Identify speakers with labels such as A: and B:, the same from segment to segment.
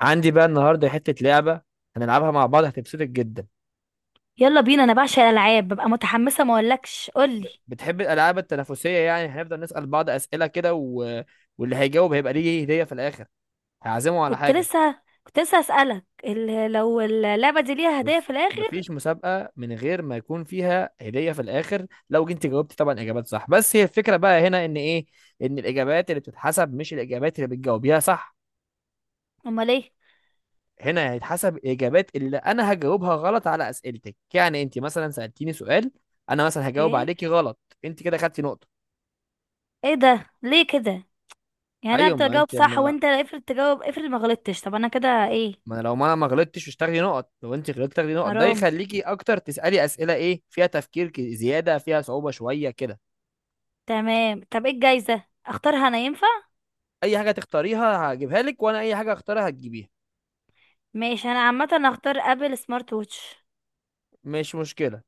A: عندي بقى النهارده حتة لعبة هنلعبها مع بعض هتبسطك جدا.
B: يلا بينا انا بعشق الالعاب ببقى متحمسه ما اقولكش قولي.
A: بتحب الألعاب التنافسية؟ يعني هنفضل نسأل بعض أسئلة كده واللي هيجاوب هيبقى ليه هدية في الآخر، هعزمه على
B: كنت
A: حاجة.
B: لسه كنت لسه اسالك لو اللعبه دي ليها هدايا في
A: بس
B: الاخر؟
A: مفيش مسابقة من غير ما يكون فيها هدية في الآخر. لو جيت جاوبت طبعا إجابات صح، بس هي الفكرة بقى هنا إن إيه؟ إن الإجابات اللي بتتحسب مش الإجابات اللي بتجاوبيها صح.
B: امال ايه؟
A: هنا هيتحسب الإجابات اللي أنا هجاوبها غلط على أسئلتك. يعني أنت مثلا سألتيني سؤال، أنا مثلا هجاوب
B: ايه
A: عليكي غلط، أنت كده خدتي نقطة.
B: ايه ده ليه كده؟ يعني انا
A: ايوه،
B: افضل
A: ما
B: اجاوب
A: انت
B: صح
A: ما,
B: وانت افرض تجاوب، افرض ما غلطتش، طب انا كده ايه؟
A: ما لو ما انا ما غلطتش مش تاخدي نقط، لو انت غلطت تاخدي نقط. ده
B: حرام.
A: يخليكي اكتر تسالي اسئله ايه فيها تفكير زياده، فيها صعوبه شويه كده.
B: تمام، طب ايه الجايزه؟ اختارها انا ينفع؟
A: اي حاجه تختاريها هجيبها لك، وانا اي حاجه اختارها هتجيبيها.
B: ماشي، انا عامه هختار ابل سمارت ووتش.
A: مش مشكله،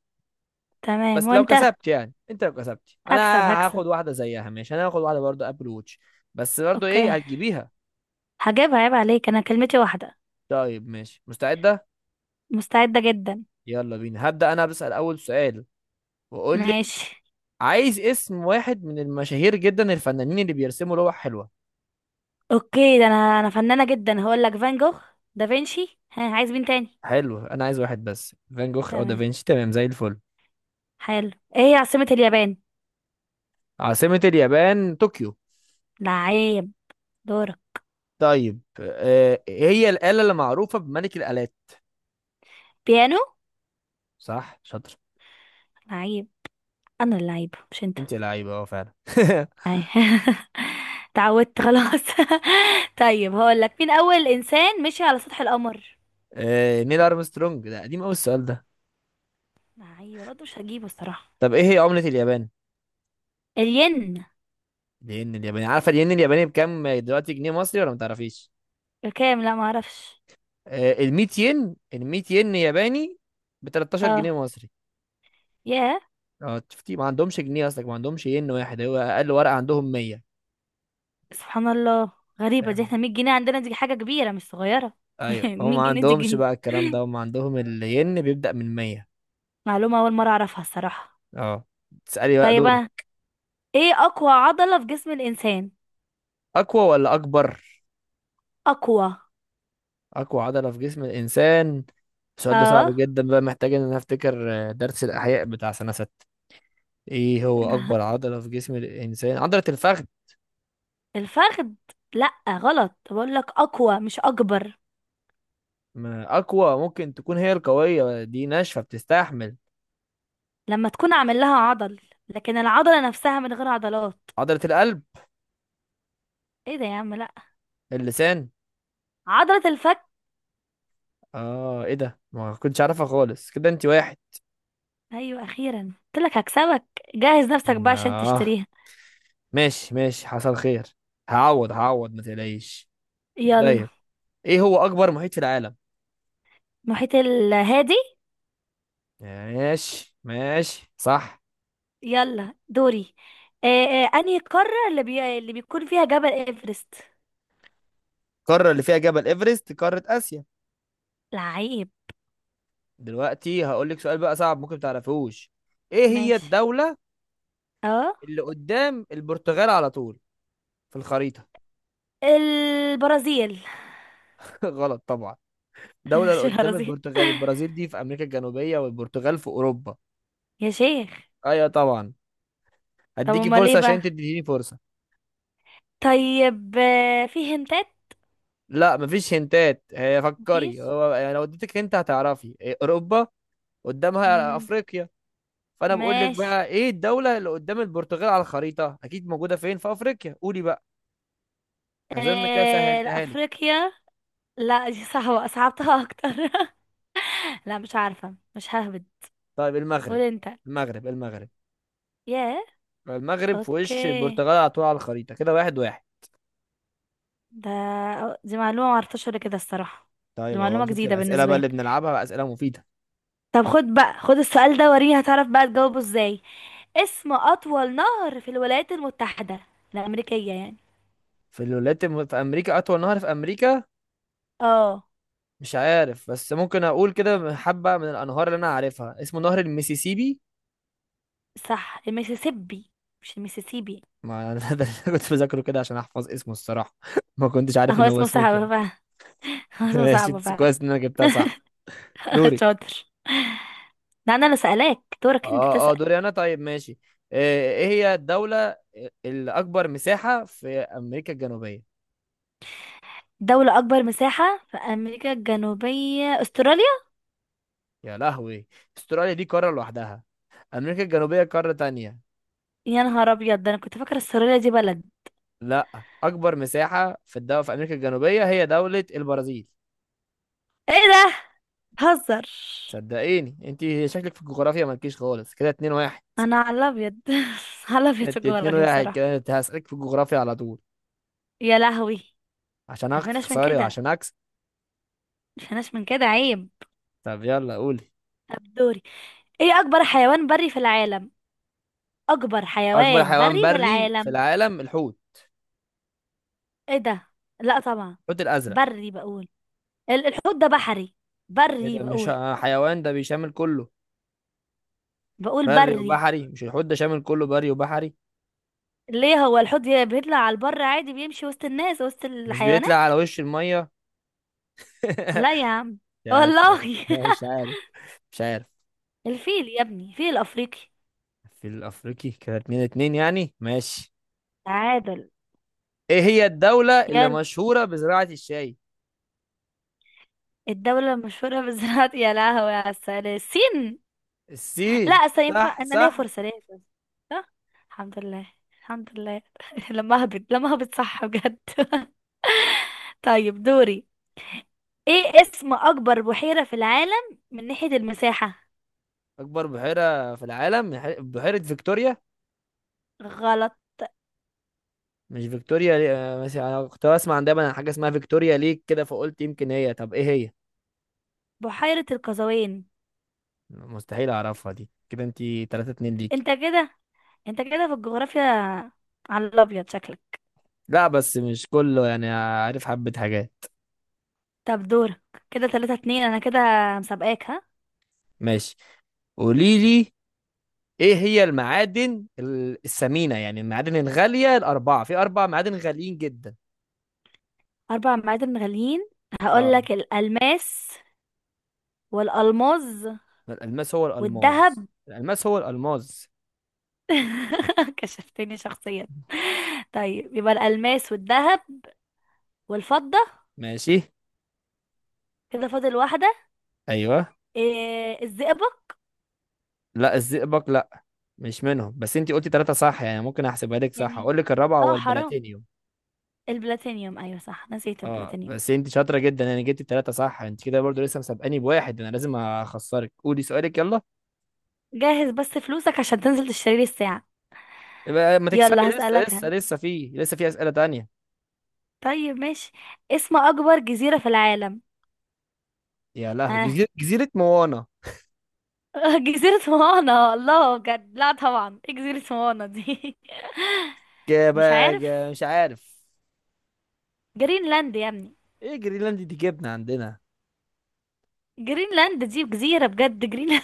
B: تمام
A: بس لو
B: وانت؟
A: كسبت يعني، انت لو كسبت انا
B: هكسب هكسب.
A: هاخد واحده زيها. ماشي، انا هاخد واحده برضه ابل ووتش، بس برضه ايه
B: اوكي
A: هتجيبيها.
B: هجيبها، عيب عليك، انا كلمتي واحده.
A: طيب ماشي، مستعده؟
B: مستعده جدا.
A: يلا بينا، هبدا انا بسال اول سؤال واقول لك:
B: ماشي.
A: عايز اسم واحد من المشاهير جدا الفنانين اللي بيرسموا لوح حلوه.
B: اوكي، ده انا انا فنانة جدا، هقول لك فان جوخ، دافنشي، ها عايز مين تاني؟
A: حلو، انا عايز واحد بس، فان جوخ او
B: تمام.
A: دافنشي تمام زي الفل.
B: حلو، ايه هي عاصمة اليابان؟
A: عاصمة اليابان طوكيو.
B: لعيب. دورك.
A: طيب آه، إيه هي الآلة اللي معروفة بملك الآلات؟
B: بيانو.
A: صح شاطر.
B: لعيب، انا اللعيب مش انت.
A: انت لعيبة اه فعلا.
B: أي. تعودت خلاص. طيب هقول لك، مين اول انسان مشي على سطح القمر؟
A: آه، نيل ارمسترونج، ده قديم قوي السؤال ده.
B: لعيب، انا قلت مش هجيبه الصراحة.
A: طب ايه هي عملة اليابان؟
B: الين
A: الين الياباني. عارفة الين الياباني بكام دلوقتي جنيه مصري ولا ما تعرفيش؟
B: بكام؟ لا معرفش.
A: آه، ال 100 ين، ال 100 ين ياباني ب 13 جنيه
B: اه.
A: مصري.
B: ياه.
A: اه شفتي، ما عندهمش جنيه، اصلك ما عندهمش ين واحد، هو اقل ورقة عندهم 100.
B: سبحان الله، غريبة دي، احنا 100 جنيه عندنا دي حاجة كبيرة مش صغيرة.
A: ايوه، هم ما
B: 100 جنيه دي
A: عندهمش
B: جنيه،
A: بقى الكلام ده، هم عندهم الين بيبدأ من 100.
B: معلومة أول مرة أعرفها الصراحة.
A: اه. تسألي بقى،
B: طيب أنا،
A: دورك.
B: إيه أقوى عضلة في جسم الإنسان؟
A: اقوى ولا اكبر؟
B: أقوى.
A: اقوى عضلة في جسم الانسان، السؤال ده صعب
B: آه
A: جدا بقى، محتاج ان انا افتكر درس الاحياء بتاع سنة ستة. ايه هو اكبر عضلة في جسم الانسان؟ عضلة الفخذ.
B: الفخذ؟ لأ غلط، بقول لك أقوى مش أكبر.
A: ما اقوى ممكن تكون هي القوية دي، ناشفة بتستحمل.
B: لما تكون عامل لها عضل، لكن العضلة نفسها من غير عضلات.
A: عضلة القلب.
B: إيه ده يا عم، لأ.
A: اللسان.
B: عضلة الفك.
A: اه ايه ده، ما كنتش عارفها خالص. كده انت واحد.
B: أيوة، أخيرا قلت لك هكسبك، جهز نفسك بقى عشان
A: لا.
B: تشتريها.
A: ماشي ماشي، حصل خير، هعوض هعوض ما تقلقيش.
B: يلا.
A: طيب، ايه هو اكبر محيط في العالم؟
B: محيط الهادي.
A: ماشي ماشي، صح.
B: يلا دوري. آه أنهي القارة اللي بيكون فيها جبل إيفرست؟
A: القارة اللي فيها جبل ايفرست قارة اسيا.
B: لعيب.
A: دلوقتي هقول لك سؤال بقى صعب، ممكن تعرفوش. ايه هي
B: ماشي.
A: الدولة
B: اه.
A: اللي قدام البرتغال على طول في الخريطة؟
B: البرازيل.
A: غلط طبعا، دولة اللي
B: مش
A: قدام
B: البرازيل
A: البرتغال البرازيل؟ دي في امريكا الجنوبية، والبرتغال في اوروبا.
B: يا شيخ.
A: ايوه طبعا.
B: طب
A: هديكي
B: امال ايه
A: فرصة عشان
B: بقى؟
A: تديني فرصة.
B: طيب آه، في هنتات؟
A: لا مفيش هنتات، هي فكري
B: مفيش.
A: هو. يعني لو اديتك هنت هتعرفي إيه، اوروبا قدامها
B: مم.
A: افريقيا. فانا بقول لك
B: ماشي.
A: بقى، ايه الدوله اللي قدام البرتغال على الخريطه، اكيد موجوده فين؟ في افريقيا، قولي بقى. اظن كده
B: آه، لا،
A: سهلتها لك.
B: افريقيا. لا دي صعبة، صعبتها اكتر. لا مش عارفة، مش ههبد.
A: طيب
B: قول
A: المغرب.
B: انت.
A: المغرب المغرب.
B: ياه.
A: المغرب في وش
B: اوكي.
A: البرتغال على طول على الخريطه كده، واحد واحد.
B: ده، دي معلومة معرفتهاش ولا كده الصراحة. دي
A: طيب اهو
B: معلومة
A: شفتي
B: جديدة
A: الاسئله
B: بالنسبة
A: بقى
B: لي.
A: اللي بنلعبها، بقى اسئله مفيده.
B: طب خد بقى، خد السؤال ده، وريني هتعرف بقى تجاوبه ازاي. اسم اطول نهر في الولايات المتحدة الامريكية يعني.
A: في الولايات في امريكا، اطول نهر في امريكا
B: اه.
A: مش عارف، بس ممكن اقول كده حبه من الانهار اللي انا عارفها اسمه نهر المسيسيبي.
B: صح المسيسيبي. مش المسيسيبي.
A: ما ده اللي أنا كنت بذاكره كده عشان احفظ اسمه الصراحه. ما كنتش عارف
B: هو
A: ان هو
B: اسمه
A: اسمه كده.
B: صعب فعلا. هو اسمه
A: ماشي،
B: صعب
A: بس
B: فعلا.
A: كويس ان انا جبتها صح. دوري.
B: شاطر، ده انا اللي سألاك، دورك انت
A: اه اه
B: تسأل.
A: دوري انا. طيب ماشي، ايه هي الدوله الاكبر مساحه في امريكا الجنوبيه؟
B: دولة اكبر مساحة في امريكا الجنوبية استراليا.
A: يا لهوي، استراليا دي قاره لوحدها، امريكا الجنوبيه قاره تانية.
B: يا نهار ابيض، ده انا كنت فاكرة استراليا دي بلد.
A: لا، اكبر مساحه في الدولة في امريكا الجنوبيه هي دوله البرازيل.
B: ايه ده؟ هزر.
A: صدقيني انت شكلك في الجغرافيا مالكيش خالص. كده اتنين واحد.
B: انا على الابيض. على الابيض في
A: انت اتنين
B: الجغرافيا
A: واحد،
B: بصراحة.
A: كده هسألك في الجغرافيا على طول
B: يا لهوي.
A: عشان
B: مفيناش من
A: اخسري،
B: كده،
A: وعشان اكسب.
B: مفيناش من كده، عيب.
A: طب يلا قولي.
B: طب دوري. ايه اكبر حيوان بري في العالم؟ اكبر
A: اكبر
B: حيوان
A: حيوان
B: بري في
A: بري في
B: العالم.
A: العالم الحوت،
B: ايه ده؟ لا طبعا.
A: الحوت الازرق.
B: بري بقول. ال- الحوت ده بحري.
A: ايه
B: بري
A: ده، مش
B: بقول.
A: ه- حيوان ده بيشامل كله،
B: بقول
A: بري
B: بري.
A: وبحري. مش الحوت ده شامل كله بري وبحري؟
B: ليه، هو الحوت بيطلع على البر عادي بيمشي وسط الناس وسط
A: مش بيطلع
B: الحيوانات؟
A: على وش الميه؟
B: لا يا عم،
A: يا ت-
B: والله.
A: مش عارف، مش عارف.
B: الفيل يا ابني، فيل افريقي.
A: في الافريقي كده، اتنين اتنين يعني، ماشي.
B: تعادل.
A: ايه هي الدولة اللي
B: يلا.
A: مشهورة بزراعة الشاي؟
B: الدولة المشهورة بزراعة، يا لهوي على السلام، الصين. لا
A: الصين.
B: أصل ينفع
A: صح
B: انا ليا
A: صح.
B: فرصة، ليا فرصة. صح. الحمد لله، الحمد لله. لما اهبط، لما اهبط صح بجد. طيب دوري. ايه اسم اكبر بحيرة في العالم من ناحية المساحة؟
A: اكبر بحيرة في العالم بحيرة فيكتوريا.
B: غلط.
A: مش فيكتوريا؟ لي... آه، مثلا انا كنت بسمع عن دايما عن حاجه اسمها فيكتوريا ليك كده، فقلت يمكن هي. طب ايه هي؟
B: بحيرة القزوين.
A: مستحيل اعرفها دي، كده انتي 3 2 ليكي.
B: انت كده، انت كده في الجغرافيا على الابيض شكلك.
A: لا بس مش كله، يعني عارف حبه حاجات.
B: طب دورك. كده تلاتة اتنين انا كده، مسابقاك ها.
A: ماشي، قولي لي. ايه هي المعادن الثمينه، يعني المعادن الغاليه الاربعه؟ في اربع معادن غاليين جدا.
B: اربع معادن غاليين.
A: اه
B: هقولك الالماس والالماظ
A: الالماس هو
B: والذهب.
A: الالماس، الالماس هو الالماس.
B: كشفتني شخصيا. طيب يبقى الالماس والذهب والفضة.
A: ماشي.
B: كده فاضل واحدة.
A: ايوه.
B: إيه الزئبق؟
A: لا الزئبق لا، مش منهم، بس انتي قلتي ثلاثه صح يعني، ممكن احسبها لك صح.
B: يعني
A: اقول لك الرابعه، هو
B: اه، حرام.
A: البلاتينيوم.
B: البلاتينيوم، ايوه صح، نسيت
A: اه،
B: البلاتينيوم.
A: بس انت شاطره جدا يعني، جبتي التلاته صح. انت كده برضو لسه مسابقاني بواحد، انا لازم اخسرك. قولي سؤالك يلا.
B: جهز بس فلوسك عشان تنزل تشتري لي الساعة.
A: يبقى ما تكسبي
B: يلا
A: لسه
B: هسألك
A: لسه
B: هن.
A: لسه في في اسئله تانية.
B: طيب ماشي. اسم اكبر جزيرة في العالم.
A: يا لهو،
B: ها.
A: جزيره موانا.
B: جزيرة موانا، الله بجد، لا طبعا، ايه جزيرة موانا دي؟ مش عارف.
A: مش عارف.
B: جرينلاند يا ابني.
A: ايه جرينلاند دي، جبنه عندنا؟
B: جرينلاند دي جزيرة بجد، جرينلاند.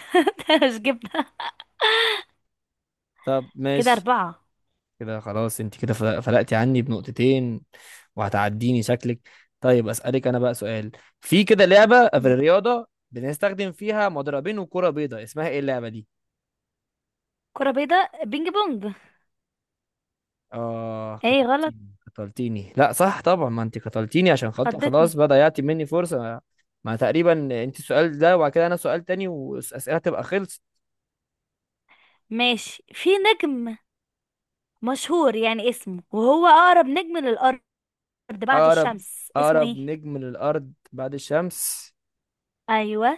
B: مش جبنة.
A: طب
B: كده
A: ماشي.
B: أربعة.
A: كده خلاص، انت كده فلقتي عني بنقطتين، وهتعديني شكلك. طيب اسالك انا بقى سؤال. في كده لعبه في
B: مم.
A: الرياضه بنستخدم فيها مضربين وكره بيضاء، اسمها ايه اللعبه دي؟
B: كرة بيضاء، بينج بونج.
A: آه
B: ايه غلط،
A: قتلتيني قتلتيني، لا صح طبعا، ما انت قتلتيني عشان خاطر، خلاص
B: خضتني.
A: بقى ضيعتي مني فرصة. ما تقريبا انت السؤال ده، وبعد كده انا سؤال تاني، والأسئلة تبقى خلصت.
B: ماشي، في نجم مشهور يعني اسمه، وهو اقرب نجم للارض بعد
A: أقرب
B: الشمس، اسمه
A: أقرب
B: ايه؟
A: نجم للأرض بعد الشمس؟
B: ايوه،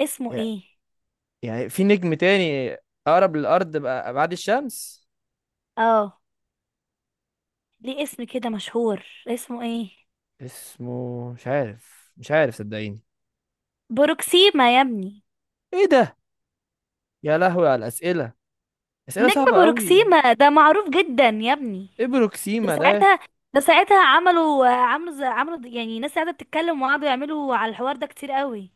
B: اسمه
A: يع-
B: ايه؟
A: يعني في نجم تاني أقرب للأرض بقى بعد الشمس؟
B: اه. ليه اسم كده مشهور، اسمه ايه؟
A: اسمه مش عارف، مش عارف صدقيني.
B: بروكسيما يا ابني.
A: ايه ده، يا لهوي على الأسئلة، أسئلة
B: نجم
A: صعبة قوي.
B: بروكسيما ده معروف جدا يا ابني.
A: ايه
B: ده
A: بروكسيما ده؟
B: ساعتها، ده ساعتها عملوا، عملوا يعني ناس قاعده بتتكلم وقعدوا يعملوا على الحوار ده كتير قوي.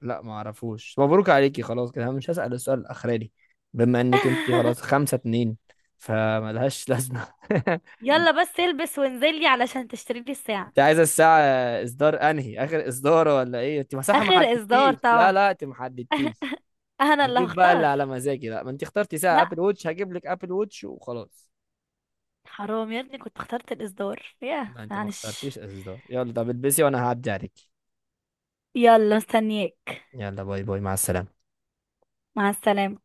A: لا ما اعرفوش، مبروك عليكي خلاص. كده أنا مش هسأل السؤال الاخراني، بما انك انت خلاص خمسة اتنين، فملهاش لازمة.
B: يلا بس البس وانزلي علشان تشتري لي الساعه.
A: انت عايزة الساعة اصدار انهي؟ اخر اصدار ولا ايه؟ انت مساحة ما
B: اخر اصدار
A: حددتيش، لا
B: طبعا،
A: لا انت ما حددتيش،
B: انا اللي
A: هجيب بقى اللي
B: هختار.
A: على مزاجي. لا ما انت اخترتي ساعة
B: لا
A: ابل ووتش، هجيب لك ابل ووتش وخلاص.
B: حرام يا ابني، كنت اخترت الإصدار، ياه
A: لا انت ما
B: معلش.
A: اخترتيش اصدار. يلا طب البسي وانا هعدي عليك.
B: يلا مستنياك.
A: يلا باي باي، مع السلامة.
B: مع السلامة.